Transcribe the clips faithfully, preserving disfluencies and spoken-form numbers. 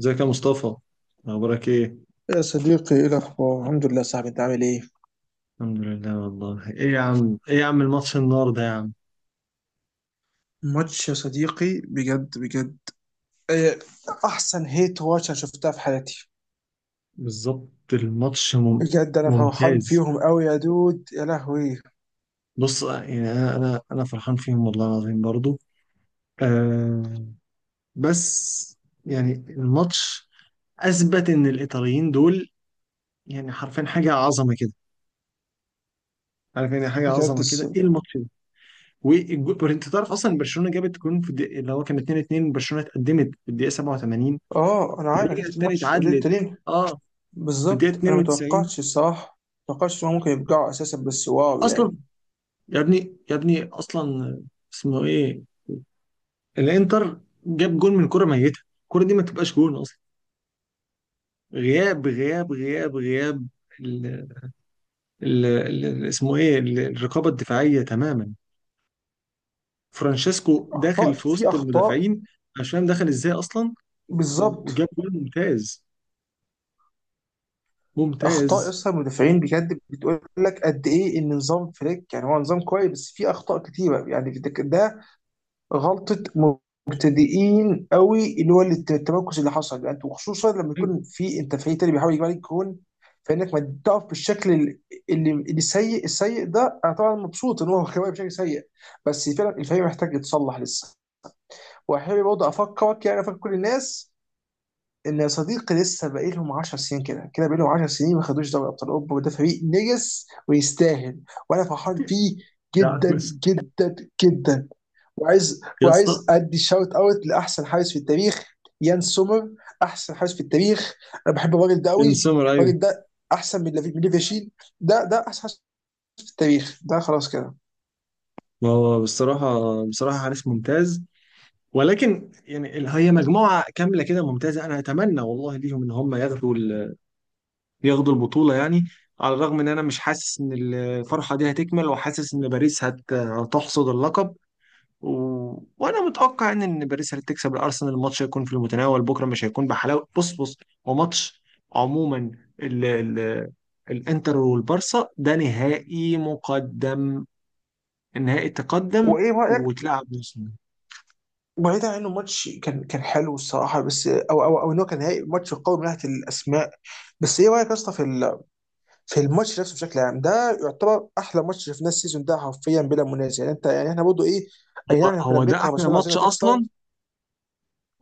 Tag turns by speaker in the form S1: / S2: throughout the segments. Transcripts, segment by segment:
S1: ازيك يا مصطفى؟ اخبارك ايه؟
S2: يا صديقي، ايه الاخبار؟ الحمد لله يا صاحبي. انت عامل ايه؟
S1: الحمد لله والله. ايه يا عم، ايه يا عم الماتش النهارده يا عم.
S2: ماتش يا صديقي بجد بجد. إيه، احسن هيت واتش انا شفتها في حياتي.
S1: بالظبط الماتش مم...
S2: بجد انا فرحان
S1: ممتاز.
S2: فيهم قوي يا دود، يا لهوي.
S1: بص يعني انا انا انا فرحان فيهم والله العظيم برضو. آه بس يعني الماتش اثبت ان الايطاليين دول يعني حرفيا حاجه عظمه كده، عارف يعني حاجه
S2: بجد
S1: عظمه
S2: الس...
S1: كده ايه الماتش ده. والجو- انت تعرف اصلا برشلونه جابت جون في الدقيقه اللي هو كان اتنين اتنين، برشلونه اتقدمت في الدقيقه سبعة وثمانين
S2: اه انا عارف، انا
S1: ورجعت
S2: شفت
S1: تاني
S2: الماتش وليه
S1: اتعادلت،
S2: التانيين.
S1: اه في الدقيقه
S2: بالظبط، انا
S1: اتنين وتسعين.
S2: متوقعتش الصراحه. متوقعتش ان هم ممكن يرجعوا اساسا، بس واو
S1: اصلا
S2: يعني.
S1: يا ابني يا ابني اصلا اسمه ايه، الانتر، جاب جون من كرة ميتة، الكرة دي ما تبقاش جون اصلا. غياب غياب غياب غياب ال ال ال ال- اسمه ايه ال- الرقابة الدفاعية تماما. فرانشيسكو
S2: اخطاء،
S1: داخل
S2: في
S1: في
S2: في
S1: وسط
S2: اخطاء.
S1: المدافعين، مش فاهم دخل ازاي اصلا. و-
S2: بالظبط.
S1: وجاب جون. ممتاز
S2: اخطاء
S1: ممتاز.
S2: اصلا المدافعين، بجد بتقول لك قد ايه ان نظام فليك يعني هو نظام كويس، بس في اخطاء كتيره يعني. ده غلطة مبتدئين قوي، اللي هو الت- التمركز اللي حصل، يعني انت وخصوصا لما
S1: أيوة.
S2: يكون في انت فريق تاني بيحاول يجيب عليك جون، فانك ما تقف بالشكل ال- اللي اللي سيء السيء ده. انا طبعا مبسوط ان هو كمان بشكل سيء، بس فعلا الفريق محتاج يتصلح لسه. واحب برضه افكرك، يعني افكر كل الناس، ان يا صديقي لسه باقي لهم 10 سنين. كده كده باقي لهم 10 سنين ما خدوش دوري ابطال اوروبا، وده فريق نجس ويستاهل. وانا فرحان فيه
S1: يا عم
S2: جدا جدا جدا. وعايز
S1: يا اسطى
S2: وعايز ادي شاوت اوت لاحسن حارس في التاريخ، يان سومر. احسن حارس في التاريخ. انا بحب الراجل ده
S1: بن
S2: قوي.
S1: سمر، ايوه
S2: الراجل ده احسن من لافي- من ليفاشيل. ده ده احسن حارس في التاريخ. ده خلاص كده.
S1: ما هو بصراحة، بصراحة حارس ممتاز، ولكن يعني ال- هي مجموعة كاملة كده ممتازة. أنا أتمنى والله ليهم إن هم ياخدوا ال- ياخدوا البطولة يعني، على الرغم إن أنا مش حاسس إن الفرحة دي هتكمل، وحاسس إن باريس هت- هتحصد اللقب. و... وأنا متوقع إن إن باريس هتكسب الأرسنال، الماتش هيكون في المتناول بكرة، مش هيكون بحلاوة. بص بص، هو ماتش عموما، ال... ال... الإنتر والبارسا ده نهائي مقدم، النهائي تقدم
S2: وايه رايك؟
S1: وتلعب نص نهائي.
S2: بعيدا عن انه ماتش كان كان حلو الصراحه، بس او او او انه كان نهائي ماتش قوي من ناحيه الاسماء، بس ايه رايك يا اسطى في ال- في الماتش نفسه بشكل عام؟ ده يعتبر احلى ماتش شفناه السيزون ده، حرفيا بلا منازع، يعني انت يعني احنا برضه ايه. اي
S1: هو
S2: نعم احنا كنا
S1: هو ده
S2: بنكره
S1: أحلى
S2: برشلونه عشان
S1: ماتش
S2: هتخسر.
S1: أصلا،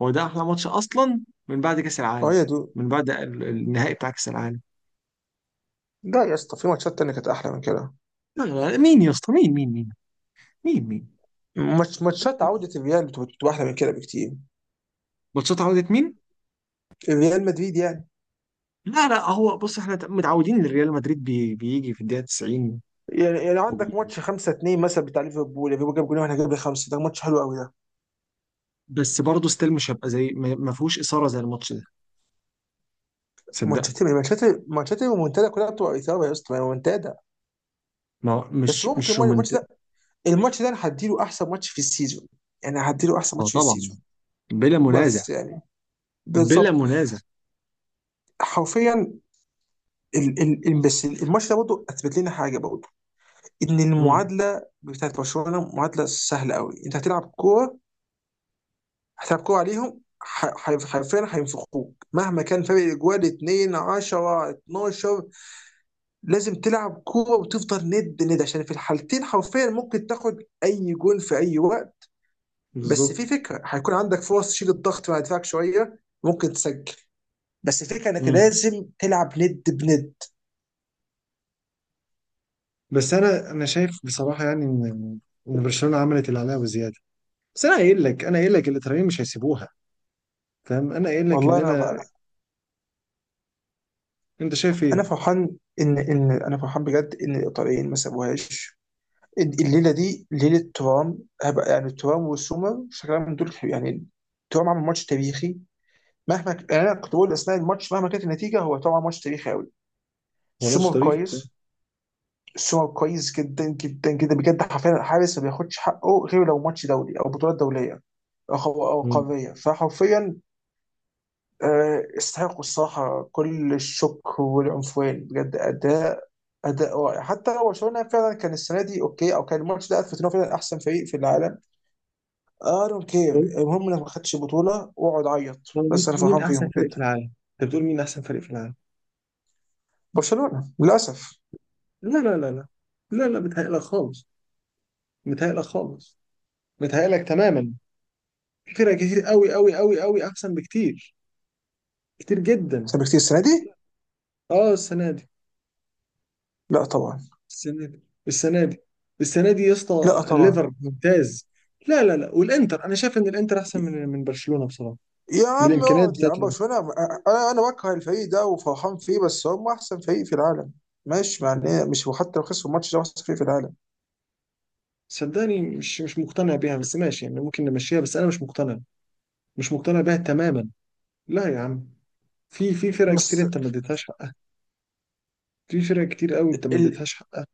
S1: هو ده احلى ماتش اصلا من بعد كاس
S2: اه
S1: العالم،
S2: يا دود.
S1: من بعد ال- النهائي بتاع كاس العالم.
S2: لا يا اسطى، في ماتشات تانية كانت أحلى من كده.
S1: لا لا لا، مين يا اسطى؟ مين مين مين؟ مين مين
S2: ماتش ماتشات
S1: مين؟
S2: عودة الريال بتبقى بتبقى أحلى من كده بكتير.
S1: ماتشات عودة مين؟
S2: ريال مدريد يعني.
S1: لا لا، هو بص احنا متعودين ان ريال مدريد بي بيجي في الدقيقة تسعين.
S2: يعني يعني عندك
S1: وبي...
S2: ماتش خمسة اتنين مثلا بتاع ليفربول، ليفربول جاب جولين واحنا جبنا خمسة، ده ماتش حلو قوي ده.
S1: بس برضه ستيل مش هبقى زي ما ما فيهوش إثارة زي الماتش ده، صدقني.
S2: ماتشات ماتشات ماتشات المنتدى كلها بتبقى إثارة يا اسطى، المنتدى.
S1: ما هو
S2: بس
S1: مش
S2: ممكن
S1: مش
S2: الماتش
S1: رومانتيك.
S2: ده الماتش ده أنا هديله أحسن ماتش في السيزون، يعني هديله أحسن
S1: ما هو
S2: ماتش في
S1: طبعا،
S2: السيزون.
S1: بلا منازع،
S2: بس يعني.
S1: بلا
S2: بالظبط.
S1: منازع.
S2: حرفيا. ال ال ال- بس الماتش ده برضه أثبت لنا حاجة برضه، ان
S1: امم.
S2: المعادله بتاعت برشلونه معادله سهله قوي. انت هتلعب كوره، هتلعب كوره عليهم، ح- ح- حرفيا هينفخوك مهما كان فرق الاجوال اتنين عشرة اتناشر. لازم تلعب كوره وتفضل ند ند، عشان في الحالتين حرفيا ممكن تاخد اي جول في اي وقت. بس
S1: بالظبط.
S2: في فكره هيكون عندك فرص تشيل الضغط مع دفاعك شويه، ممكن تسجل. بس الفكره انك
S1: امم.
S2: لازم تلعب ند بند.
S1: بس انا انا شايف بصراحة يعني ان ان برشلونة عملت اللي عليها وزيادة. بس انا قايل لك، انا قايل لك الاتراكين مش هيسيبوها، فاهم؟ انا قايل لك ان
S2: والله انا
S1: انا،
S2: بقى،
S1: انت شايف ايه؟
S2: انا فرحان ان ان انا فرحان بجد ان الايطاليين ما سابوهاش. الليله دي ليله ترام، هبقى يعني ترام وسومر شكلها من دول يعني. ترام عمل ماتش تاريخي. مهما ك- يعني انا كنت بقول اثناء الماتش مهما كانت النتيجه هو ترام عمل ماتش تاريخي قوي.
S1: هو ماتش
S2: سومر
S1: طريق.
S2: كويس سومر كويس جدا جدا جدا، بجد حرفيا الحارس ما بياخدش حقه غير لو ماتش دولي او بطولات دوليه او خو- أو
S1: مم.
S2: قاريه، فحرفيا آه، يستحقوا الصراحه كل الشكر والعنفوان. بجد اداء اداء رائع. حتى لو برشلونه فعلا كان السنه دي اوكي، او كان الماتش ده اثبت ان هو فعلا احسن فريق في العالم، اي دونت كير،
S1: طيب،
S2: المهم انك ما خدتش البطوله واقعد عيط.
S1: هو
S2: بس
S1: مين
S2: انا
S1: مين
S2: فرحان
S1: احسن
S2: فيهم
S1: فريق في
S2: جدا.
S1: العالم؟ انت بتقول مين احسن فريق في العالم؟
S2: برشلونه للاسف.
S1: لا لا لا لا، لا لا بتهيألك خالص، بتهيألك خالص، بتهيألك تماما. في فرق كتير قوي قوي قوي قوي احسن بكتير، كتير جدا.
S2: احسن بكتير السنه دي.
S1: اه السنه دي،
S2: لا طبعا.
S1: السنه دي، السنه دي، السنه دي يا اسطى
S2: لا طبعا.
S1: الليفر ممتاز. لا لا لا، والانتر انا شايف ان الانتر احسن من من برشلونه بصراحه،
S2: يا عم
S1: بالامكانيات
S2: اقعد يا
S1: بتاعت.
S2: عم، برشلونه. انا انا بكره الفريق ده وفرحان فيه، بس هم احسن فريق في العالم. ماشي يعني، مش وحتى لو خسروا الماتش ده هو احسن فريق في العالم.
S1: صدقني مش مش مقتنع بيها، بس ماشي يعني ممكن نمشيها، بس انا مش مقتنع، مش مقتنع بيها تماما. لا يا عم، في في فرق كتير
S2: بس
S1: انت ما اديتهاش حقها، في فرق كتير قوي انت ما
S2: ال...
S1: اديتهاش حقها.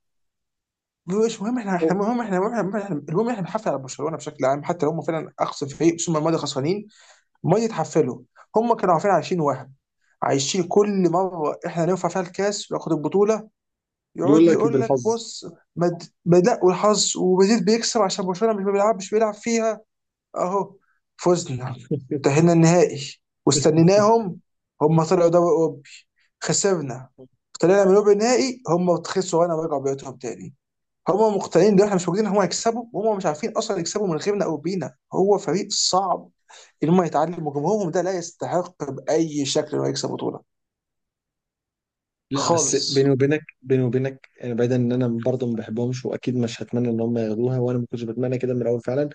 S2: مش مهم، احنا احنا
S1: أو
S2: المهم، احنا المهم، احنا المهم، احنا بنحافظ على برشلونه بشكل عام، حتى لو هم فعلا اقصى فريق، بس هم الماضي خسرانين. ما يتحفلوا. هم كانوا عارفين عايشين، وهم عايشين كل مره احنا نرفع فيها الكاس وياخد البطوله
S1: يقول
S2: يقعد
S1: لك
S2: يقول لك
S1: بالحظ.
S2: بص، مد... بدأ والحظ، ومدريد بيكسب عشان برشلونه مش بيلعب، مش بيلعب فيها. اهو، فزنا، تأهلنا النهائي، واستنيناهم. هم طلعوا دوري اوروبي. خسرنا، طلعنا من ربع النهائي، هم خسروا وانا رجعوا بيوتهم تاني. هم مقتنعين ان احنا مش موجودين، هم هيكسبوا، وهم مش عارفين اصلا يكسبوا من غيرنا او بينا، هو فريق صعب ان هم يتعلموا. جمهورهم ده لا يستحق باي شكل انه يكسب بطوله.
S1: لا بس
S2: خالص.
S1: بيني وبينك، بيني وبينك يعني، بعيدا ان انا برضه ما بحبهمش واكيد مش هتمنى ان هم ياخدوها، وانا ما كنتش بتمنى كده من الاول فعلا.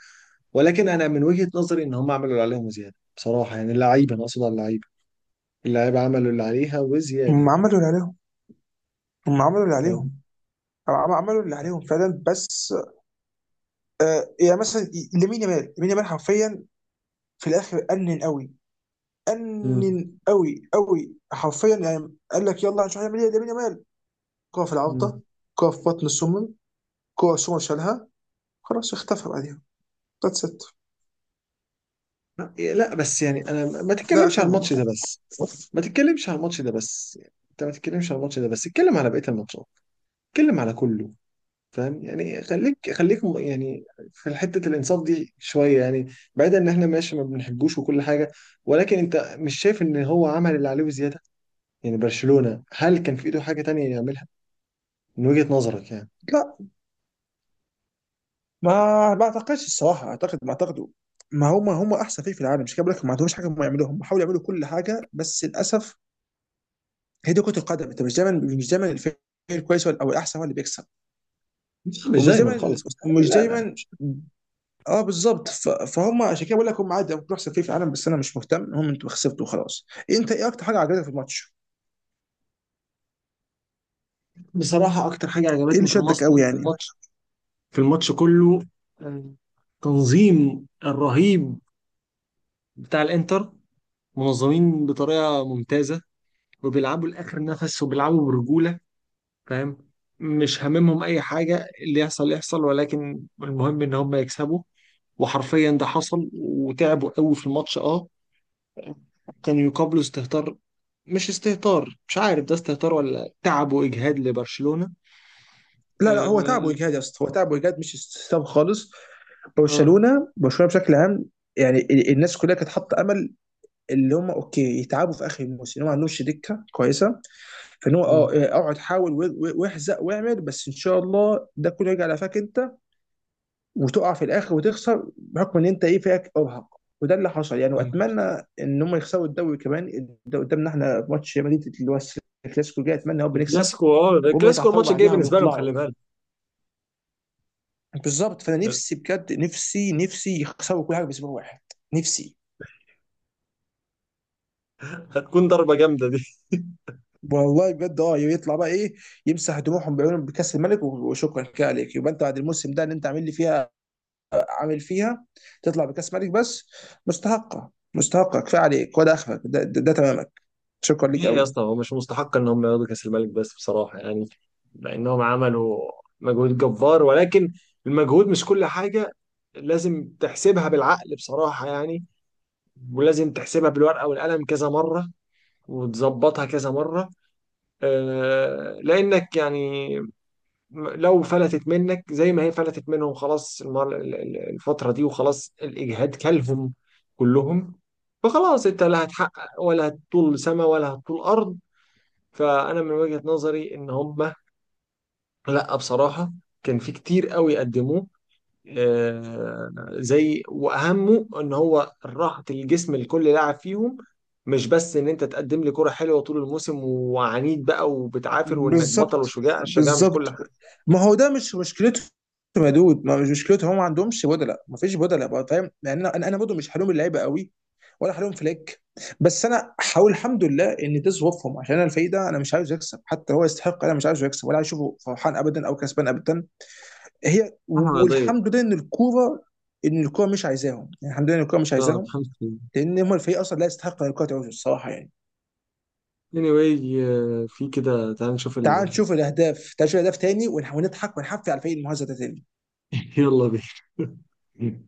S1: ولكن انا من وجهة نظري ان هم عملوا اللي عليهم وزياده بصراحه، يعني اللعيبه، انا اقصد على اللعيبه، اللعيبه عملوا اللي عليها وزياده،
S2: هم عملوا اللي عليهم. هم عملوا اللي
S1: فاهم؟
S2: عليهم. عم- عملوا اللي عليهم فعلا، بس آه يعني مثلا لامين يامال، لامين يامال حرفيا في الاخر انن قوي انن قوي قوي، حرفيا يعني قال لك يلا هنشوف هنعمل ايه لامين يامال. كوره في العارضه،
S1: امم.
S2: كوره في بطن السمن، كوره سمن شالها، خلاص اختفى بعديها. ذاتس ات.
S1: لا بس يعني انا ما
S2: ده
S1: تتكلمش على
S2: اخرهم.
S1: الماتش ده بس، ما تتكلمش على الماتش ده بس، يعني انت ما تتكلمش على الماتش ده بس، اتكلم على بقية الماتشات، اتكلم على كله، فاهم يعني؟ خليك خليك م- يعني في حتة الانصاف دي شوية يعني، بعيدا ان احنا ماشي ما بنحبوش وكل حاجة، ولكن انت مش شايف ان هو عمل اللي عليه وزيادة؟ يعني برشلونة هل كان في ايده حاجة تانية يعملها، من وجهة نظرك يعني؟
S2: لا ما ما اعتقدش الصراحه، اعتقد ما اعتقده. ما هم هم احسن فريق في العالم، مش كده بقول لك، ما عندهمش حاجه هم يعملوها، هم حاولوا يعملوا كل حاجه بس للاسف هي دي كره القدم. انت مش دايما، مش دايما الفريق الكويس هو- او الاحسن هو اللي بيكسب.
S1: لا، مش
S2: ومش
S1: دايما
S2: دايما،
S1: خالص، مستحيل
S2: ومش
S1: لا لا
S2: دايما.
S1: مش.
S2: اه بالظبط، ف- فهم عشان كده بقول لك هم عادي ممكن احسن فريق في العالم، بس انا مش مهتم، هم انتوا خسرتوا وخلاص. انت ايه اكتر حاجه عجبتك في الماتش؟
S1: بصراحة أكتر حاجة
S2: ايه اللي
S1: عجبتني في الماتش،
S2: شدك قوي
S1: في
S2: يعني؟
S1: الماتش، في الماتش كله، آه، تنظيم الرهيب بتاع الانتر، منظمين بطريقه ممتازه، وبيلعبوا لاخر نفس وبيلعبوا برجوله، فاهم؟ مش هاممهم اي حاجه، اللي يحصل يحصل، ولكن المهم ان هم يكسبوا، وحرفيا ده حصل، وتعبوا قوي في الماتش. اه كانوا يقابلوا استهتار، مش استهتار، مش عارف ده استهتار ولا تعب واجهاد لبرشلونه.
S2: لا لا، هو تعب
S1: اه
S2: واجهاد يا اسطى، هو تعب واجهاد مش استسلام خالص.
S1: اه
S2: برشلونه برشلونه بشكل عام، يعني ال- الناس كلها كانت حاطه امل اللي هم اوكي يتعبوا في اخر الموسم، اللي هو ما عندهمش دكه كويسه، فان هو
S1: اه
S2: اه آه، اقعد حاول و- و- واحزق واعمل، بس ان شاء الله ده كله يرجع لفاك انت وتقع في الاخر وتخسر بحكم ان انت ايه فيك ارهق. وده اللي حصل يعني،
S1: آه.
S2: واتمنى ان هم يخسروا الدوري كمان. الد- قدامنا احنا ماتش ريال مدريد، اللي هو الكلاسيكو الجاي، اتمنى يا رب نكسب
S1: الكلاسيكو، اه
S2: وهم
S1: الكلاسيكو
S2: يتعثروا
S1: الماتش الجاي
S2: بعديها
S1: بالنسبه لهم
S2: ويطلعوا.
S1: خلي بالك،
S2: بالظبط، فانا نفسي بجد، نفسي نفسي يخسروا كل حاجه باسبوع واحد. نفسي.
S1: هتكون ضربة جامدة دي.
S2: والله بجد، اه يطلع بقى ايه، يمسح دموعهم بعيونهم بكاس الملك، وشكرا كده عليك، يبقى انت بعد الموسم ده اللي انت عامل لي فيها، عامل فيها تطلع بكاس ملك بس. مستحقه مستحقه، كفايه عليك، وده اخرك، ده, ده, ده تمامك، شكرا ليك
S1: ليه يا
S2: قوي.
S1: اسطى هو مش مستحق ان هم ياخدوا كأس الملك؟ بس بصراحة يعني لانهم عملوا مجهود جبار، ولكن المجهود مش كل حاجة، لازم تحسبها بالعقل بصراحة يعني، ولازم تحسبها بالورقة والقلم كذا مرة، وتظبطها كذا مرة. آه، لأنك يعني م- لو فلتت منك زي ما هي فلتت منهم، خلاص المر- ال- ال- الفترة دي، وخلاص الإجهاد كلهم كلهم، فخلاص أنت لا هتحقق ولا هتطول سما ولا هتطول أرض. فانا من وجهة نظري ان هم، لا بصراحة، كان في كتير قوي قدموه، آه، زي واهمه ان هو راحة الجسم لكل لاعب فيهم. مش بس ان انت تقدم لي كرة حلوة طول الموسم وعنيد بقى وبتعافر وانك بطل
S2: بالظبط،
S1: وشجاع، الشجاعة مش كل
S2: بالظبط.
S1: حاجة،
S2: ما هو ده مش مشكلتهم يا دود، ما مش مشكلتهم، هم ما عندهمش بدلاء، ما فيش بدلاء بقى، فاهم يعني؟ انا انا أنا برضه مش حلوم اللعيبه قوي، ولا حلوم فليك. بس انا حاول الحمد لله ان ده ظروفهم، عشان انا الفريق ده، انا مش عايزه يكسب حتى لو هو يستحق. انا مش عايزه يكسب، ولا عايز اشوفه فرحان ابدا او كسبان ابدا. هي
S1: حاجة رياضية.
S2: والحمد لله ان الكوره ان الكوره مش عايزاهم، يعني الحمد لله ان الكوره مش
S1: لا
S2: عايزاهم،
S1: الحمد لله.
S2: لان هم الفريق اصلا لا يستحق ان الكوره تعوز الصراحه يعني.
S1: anyway آه، في كده تعال نشوف
S2: تعال
S1: ال...
S2: نشوف الاهداف، تعال نشوف الاهداف تاني، ونح- ونضحك ونحفي على الفريق المهزه ده تاني.
S1: يلا بينا.